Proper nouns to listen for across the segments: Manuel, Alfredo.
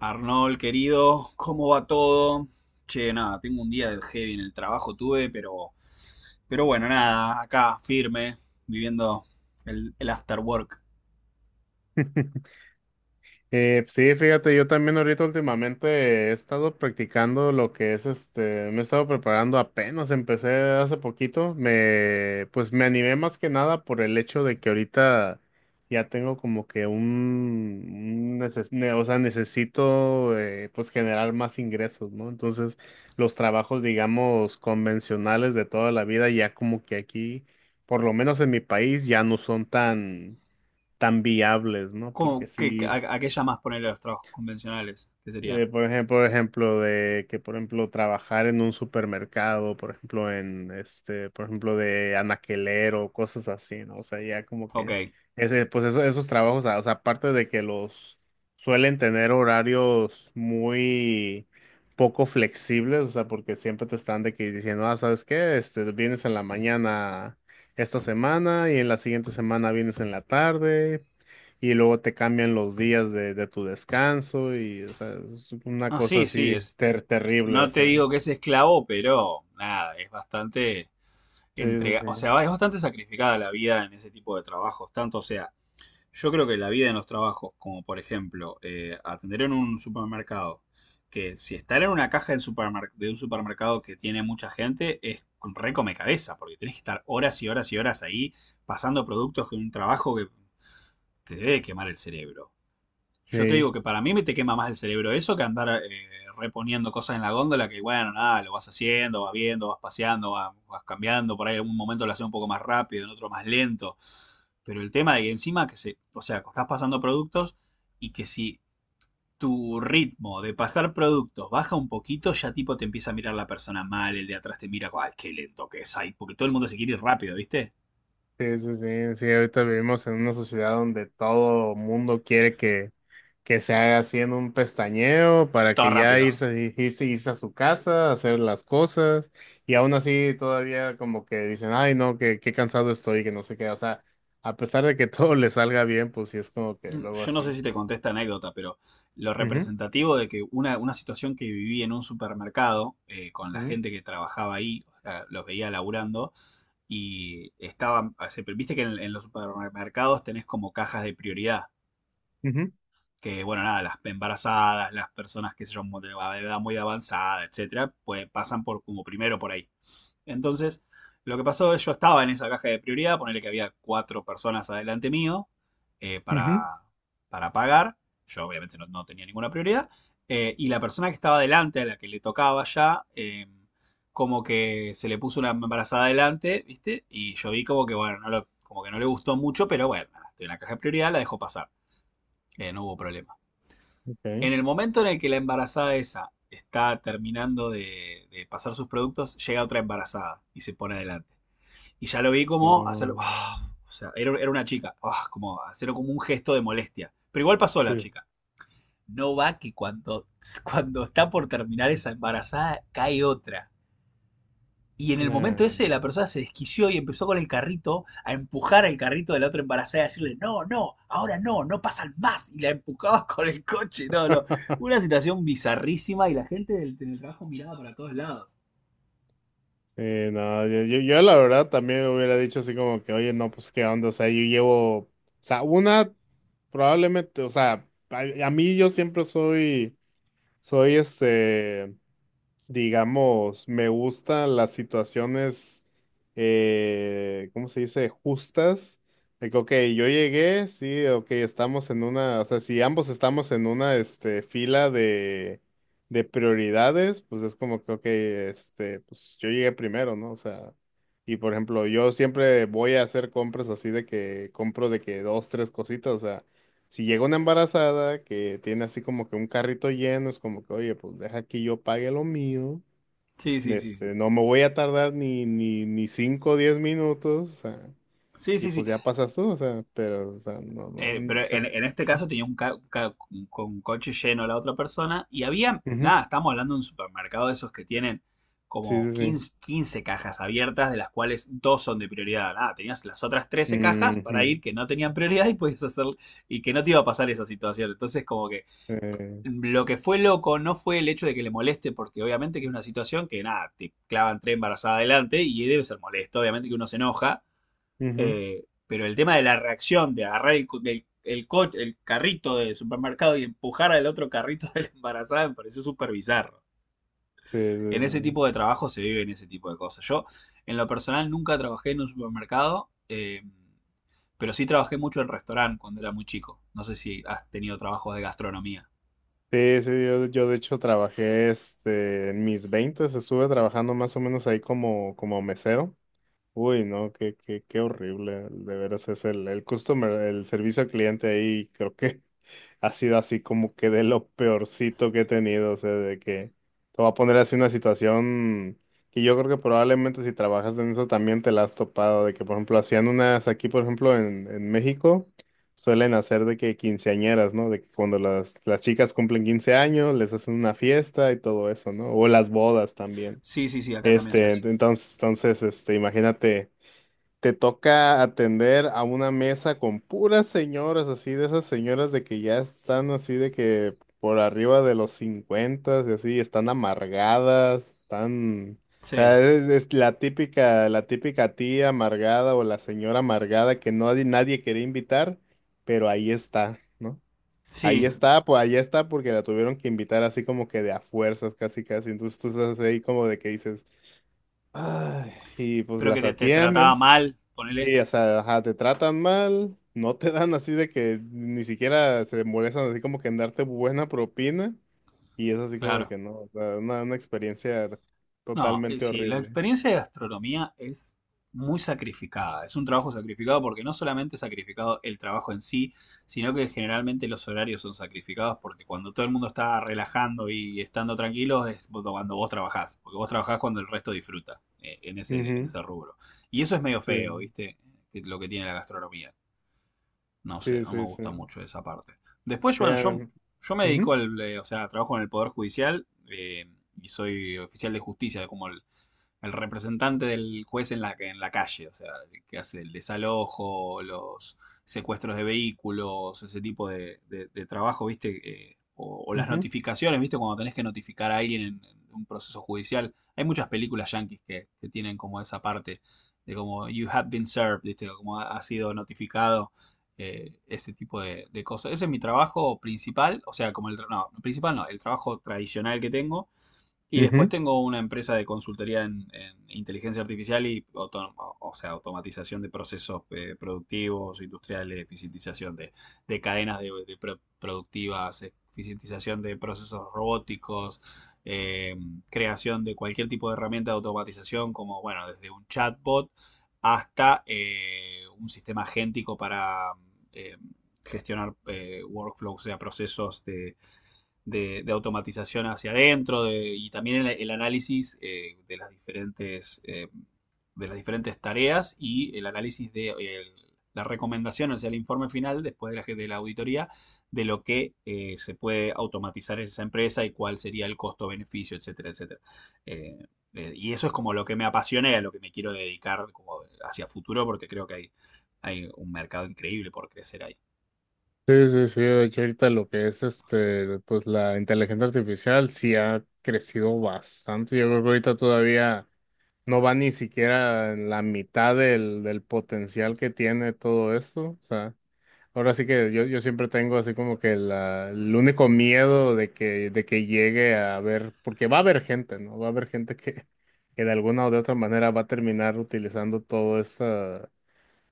Arnold, querido, ¿cómo va todo? Che, nada, tengo un día de heavy en el trabajo, tuve, pero bueno, nada, acá, firme, viviendo el after work. Sí, fíjate, yo también ahorita últimamente he estado practicando lo que es me he estado preparando apenas, empecé hace poquito, pues me animé más que nada por el hecho de que ahorita ya tengo como que un o sea, necesito pues generar más ingresos, ¿no? Entonces, los trabajos, digamos, convencionales de toda la vida ya como que aquí, por lo menos en mi país, ya no son tan viables, ¿no? Porque ¿Cómo, qué, sí, a qué llamas ponerle los trabajos convencionales? ¿Qué serían? Por ejemplo, trabajar en un supermercado, por ejemplo, de anaquelero, cosas así, ¿no? O sea, ya como Ok. que esos trabajos, o sea, aparte de que los suelen tener horarios muy poco flexibles, o sea, porque siempre te están de que diciendo, ah, ¿sabes qué? Este, vienes en la mañana esta semana y en la siguiente semana vienes en la tarde y luego te cambian los días de tu descanso y, o sea, es una No, cosa sí, sí, así es, terrible, o no te sea, digo que es esclavo, pero nada, es bastante sí, sí, entrega, sí, o sea, es bastante sacrificada la vida en ese tipo de trabajos, tanto sea. Yo creo que la vida en los trabajos, como por ejemplo atender en un supermercado, que si estar en una caja de un supermercado que tiene mucha gente es un re come cabeza, porque tenés que estar horas y horas y horas ahí pasando productos que un trabajo que te debe quemar el cerebro. Yo te sí, digo que para mí me te quema más el cerebro eso que andar reponiendo cosas en la góndola que, bueno, nada, lo vas haciendo, vas viendo, vas paseando, vas cambiando, por ahí en algún momento lo haces un poco más rápido, en otro más lento. Pero el tema de que encima que se, o sea, que estás pasando productos y que si tu ritmo de pasar productos baja un poquito, ya tipo te empieza a mirar la persona mal, el de atrás te mira, ay, qué lento que es ahí, porque todo el mundo se quiere ir rápido, ¿viste? sí, sí, sí, sí, ahorita vivimos en una sociedad donde todo mundo quiere que se haga así en un pestañeo para Todo que ya rápido. Irse a su casa, hacer las cosas y aún así todavía como que dicen, ay, no, que qué cansado estoy, que no sé qué, o sea, a pesar de que todo le salga bien, pues sí es como que luego Yo no sé así. si te conté esta anécdota, pero lo Ujú, representativo de que una situación que viví en un supermercado con la gente que trabajaba ahí, o sea, los veía laburando, y estaban, o sea, viste que en los supermercados tenés como cajas de prioridad, ujú, ujú, que bueno, nada, las embarazadas, las personas que son de edad muy avanzada, etcétera, pues pasan por como primero por ahí. Entonces, lo que pasó es yo estaba en esa caja de prioridad, ponerle que había cuatro personas adelante mío eh, ujú. para, para pagar. Yo obviamente no, no tenía ninguna prioridad. Y la persona que estaba adelante, a la que le tocaba ya, como que se le puso una embarazada adelante, ¿viste? Y yo vi como que, bueno, como que no le gustó mucho, pero bueno, nada, estoy en la caja de prioridad, la dejó pasar. No hubo problema. En Ok. el momento en el que la embarazada esa está terminando de pasar sus productos, llega otra embarazada y se pone adelante. Y ya lo vi como hacerlo. Oh, "Ah", o sea, era, era una chica. "Ah", como hacerlo como un gesto de molestia. Pero igual pasó la sí. chica. No va que cuando está por terminar esa embarazada cae otra. Y en el momento ese Nah. la persona se desquició y empezó con el carrito a empujar el carrito de la otra embarazada y a decirle, no, no, ahora no, no pasan más. Y la empujabas con el coche. No, no. Una situación bizarrísima y la gente del teletrabajo miraba para todos lados. Sí, no, yo la verdad también hubiera dicho así como que, oye, no, pues qué onda, o sea, yo llevo, o sea, una probablemente, o sea, a mí yo siempre soy digamos, me gustan las situaciones, ¿cómo se dice? Justas. De que, ok, yo llegué, sí, ok, estamos en una, o sea, si ambos estamos en una, este, fila de prioridades, pues es como que, ok, este, pues yo llegué primero, ¿no? O sea, y por ejemplo, yo siempre voy a hacer compras así de que compro de que dos, tres cositas, o sea. Si llega una embarazada que tiene así como que un carrito lleno, es como que, oye, pues deja que yo pague lo mío. Sí, sí, sí, sí. Este, no me voy a tardar ni cinco o diez minutos, o sea, Sí, y sí, sí. pues ya pasas tú, o sea, pero, o sea, no, no, eh, mm, pero o en, sea, en este caso tenía un, ca- ca- un- con un coche lleno la otra persona y había, ujú, nada, estamos hablando de un supermercado de esos que tienen sí, como sí, sí. 15 15 cajas abiertas, de las cuales dos son de prioridad. Nada, tenías las otras 13 cajas para Ujú, ir que no tenían prioridad y podías hacer y que no te iba a pasar esa situación. Entonces, como que eh, lo que fue loco no fue el hecho de que le moleste, porque obviamente que es una situación que nada, te clavan tres embarazadas adelante y debe ser molesto, obviamente que uno se enoja. ujú, Pero el tema de la reacción, de agarrar el carrito del supermercado y empujar al otro carrito de la embarazada me pareció súper bizarro. sí, sí, En ese sí. tipo de trabajo se viven ese tipo de cosas. Yo, en lo personal, nunca trabajé en un supermercado, pero sí trabajé mucho en restaurante cuando era muy chico. No sé si has tenido trabajos de gastronomía. Sí, sí, yo de hecho trabajé, este, en mis 20, estuve trabajando más o menos ahí como mesero. Uy, no, qué horrible, de veras es el customer, el servicio al cliente ahí, creo que ha sido así como que de lo peorcito que he tenido, o sea, de que te va a poner así una situación que yo creo que probablemente si trabajas en eso también te la has topado, de que por ejemplo hacían unas aquí, por ejemplo, en México, suelen hacer de que quinceañeras, ¿no? De que cuando las chicas cumplen 15 años, les hacen una fiesta y todo eso, ¿no? O las bodas también. Sí, sí, sí, acá también se Este, hace. Imagínate te toca atender a una mesa con puras señoras, así de esas señoras de que ya están así de que por arriba de los 50 y así, están amargadas, están... O Sí, sea, es la típica tía amargada o la señora amargada que nadie, nadie quería invitar, pero ahí está, ¿no? Ahí sí, está, pues ahí está porque la tuvieron que invitar así como que de a fuerzas, casi casi. Entonces tú estás ahí como de que dices, ay, y pues pero que las te trataba atiendes. mal, ponele. Sí, o sea, ajá, te tratan mal, no te dan así de que ni siquiera se molestan así como que en darte buena propina y es así como de Claro. que no, o sea, una experiencia No, totalmente sí, la horrible. experiencia de gastronomía es muy sacrificada, es un trabajo sacrificado porque no solamente es sacrificado el trabajo en sí, sino que generalmente los horarios son sacrificados porque cuando todo el mundo está relajando y estando tranquilos es cuando vos trabajás, porque vos trabajás cuando el resto disfruta eh, en ese, en Ujú, ese rubro. Y eso es medio feo, sí, ¿viste? Es lo que tiene la gastronomía. No sé, sí, no me sí, sí. gusta mucho esa parte. Después, Sí, bueno, a yo, mí, yo me dedico ujú, al, o sea, trabajo en el Poder Judicial y soy oficial de justicia como el representante del juez en la calle, o sea, que hace el desalojo, los secuestros de vehículos, ese tipo de trabajo, ¿viste? Las ujú, notificaciones, ¿viste? Cuando tenés que notificar a alguien en un proceso judicial. Hay muchas películas yanquis tienen como esa parte de como you have been served, ¿viste? Como ha sido notificado. Ese tipo de cosas. Ese es mi trabajo principal, o sea, como el, principal no, el trabajo tradicional que tengo, y después ujú. tengo una empresa de consultoría en inteligencia artificial y o sea, automatización de procesos productivos, industriales, eficientización de cadenas de productivas, eficientización de procesos robóticos, eh, creación de cualquier tipo de herramienta de automatización, como bueno, desde un chatbot hasta un sistema agéntico para eh, gestionar workflows, o sea, procesos de automatización hacia adentro de, y también el análisis de las diferentes, de las diferentes tareas y el análisis de el, la recomendación, o sea, el informe final después de la auditoría de lo que se puede automatizar en esa empresa y cuál sería el costo-beneficio, etcétera, etcétera. Eh, y eso es como lo que me apasiona y a lo que me quiero dedicar como hacia futuro porque creo que hay un mercado increíble por crecer ahí. Sí, sí, sí, de hecho ahorita lo que es este, pues la inteligencia artificial sí ha crecido bastante. Yo creo que ahorita todavía no va ni siquiera en la mitad del potencial que tiene todo esto. O sea, ahora sí que yo siempre tengo así como que el único miedo de que llegue a haber, porque va a haber gente, ¿no? Va a haber gente que de alguna o de otra manera va a terminar utilizando toda esta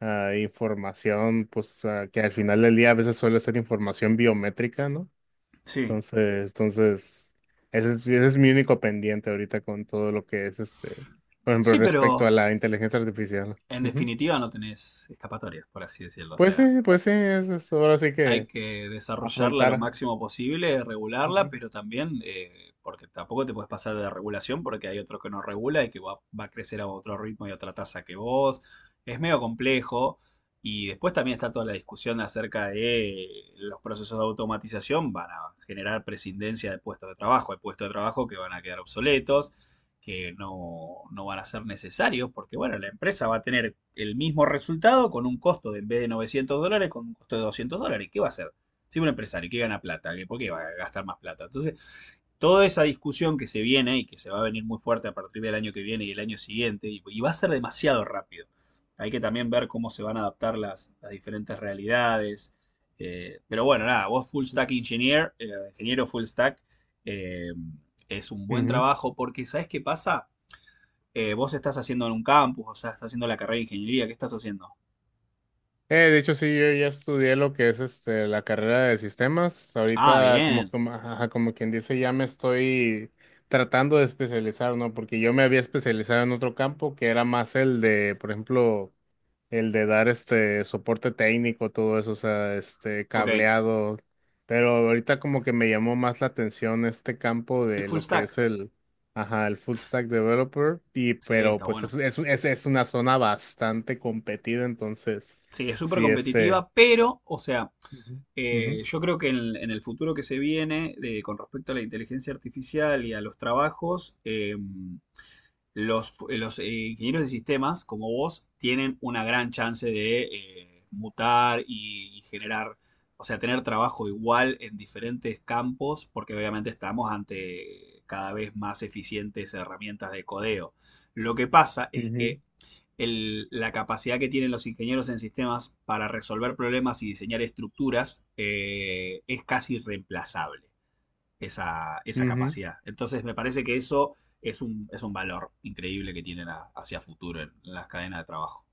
información, pues ah, que al final del día a veces suele ser información biométrica, ¿no? Sí. Entonces, ese es mi único pendiente ahorita con todo lo que es este, por ejemplo, Sí, respecto pero a la inteligencia artificial. en Ujú. definitiva no tenés escapatorias, por así decirlo. O sea, Pues sí, eso es ahora sí hay que que desarrollarla lo afrontar. máximo posible, regularla, Ujú. pero también, porque tampoco te puedes pasar de regulación porque hay otro que no regula y que va a crecer a otro ritmo y a otra tasa que vos. Es medio complejo. Y después también está toda la discusión acerca de los procesos de automatización van a generar prescindencia de puestos de trabajo. Hay puestos de trabajo que van a quedar obsoletos que no, no, van a ser necesarios, porque bueno, la empresa va a tener el mismo resultado con un costo de, en vez de $900, con un costo de $200. ¿Qué va a hacer? Si un empresario que gana plata, ¿por qué va a gastar más plata? Entonces, toda esa discusión que se viene y que se va a venir muy fuerte a partir del año que viene y el año siguiente, y va a ser demasiado rápido. Hay que también ver cómo se van a adaptar las diferentes realidades. Pero bueno, nada, vos full stack engineer, ingeniero full stack, eh, es un buen Ujú. trabajo porque ¿sabes qué pasa? Vos estás haciendo en un campus, o sea, estás haciendo la carrera de ingeniería, ¿qué estás haciendo? De hecho, sí, yo ya estudié lo que es este, la carrera de sistemas. Ah, Ahorita, bien, ajá, como quien dice, ya me estoy tratando de especializar, ¿no? Porque yo me había especializado en otro campo que era más el de, por ejemplo, el de dar este soporte técnico, todo eso, o sea, este ok, cableado. Pero ahorita como que me llamó más la atención este campo el de full lo que stack, es ajá, el full stack developer. Y sí, pero está pues bueno. Es una zona bastante competida, entonces, Sí, es súper sí, este. competitiva, pero, o sea, Ujú, yo creo que en el futuro que se viene, con respecto a la inteligencia artificial y a los trabajos, los, los, eh, ingenieros de sistemas, como vos, tienen una gran chance de mutar y generar, o sea, tener trabajo igual en diferentes campos, porque obviamente estamos ante cada vez más eficientes herramientas de codeo. Lo que pasa ujú, es ujú, que la capacidad que tienen los ingenieros en sistemas para resolver problemas y diseñar estructuras es casi reemplazable esa ujú. capacidad. Entonces me parece que eso es un valor increíble que tienen hacia futuro en las cadenas de trabajo.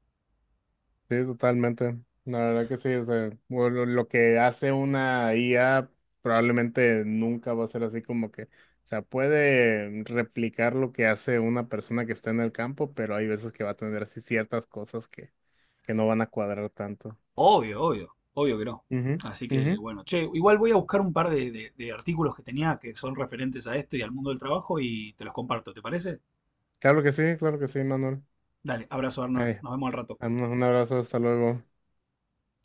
Sí, totalmente. La verdad que sí, o sea, bueno, lo que hace una IA probablemente nunca va a ser así como que, o sea, puede replicar lo que hace una persona que está en el campo, pero hay veces que va a tener así ciertas cosas que no van a cuadrar tanto. Obvio, obvio, obvio que no. Ujú, Así que ujú. bueno, che, igual voy a buscar un par de artículos que tenía que son referentes a esto y al mundo del trabajo y te los comparto, ¿te parece? Claro que sí, Manuel. Dale, abrazo Arnold, Ay, nos vemos al rato. Un abrazo, hasta luego.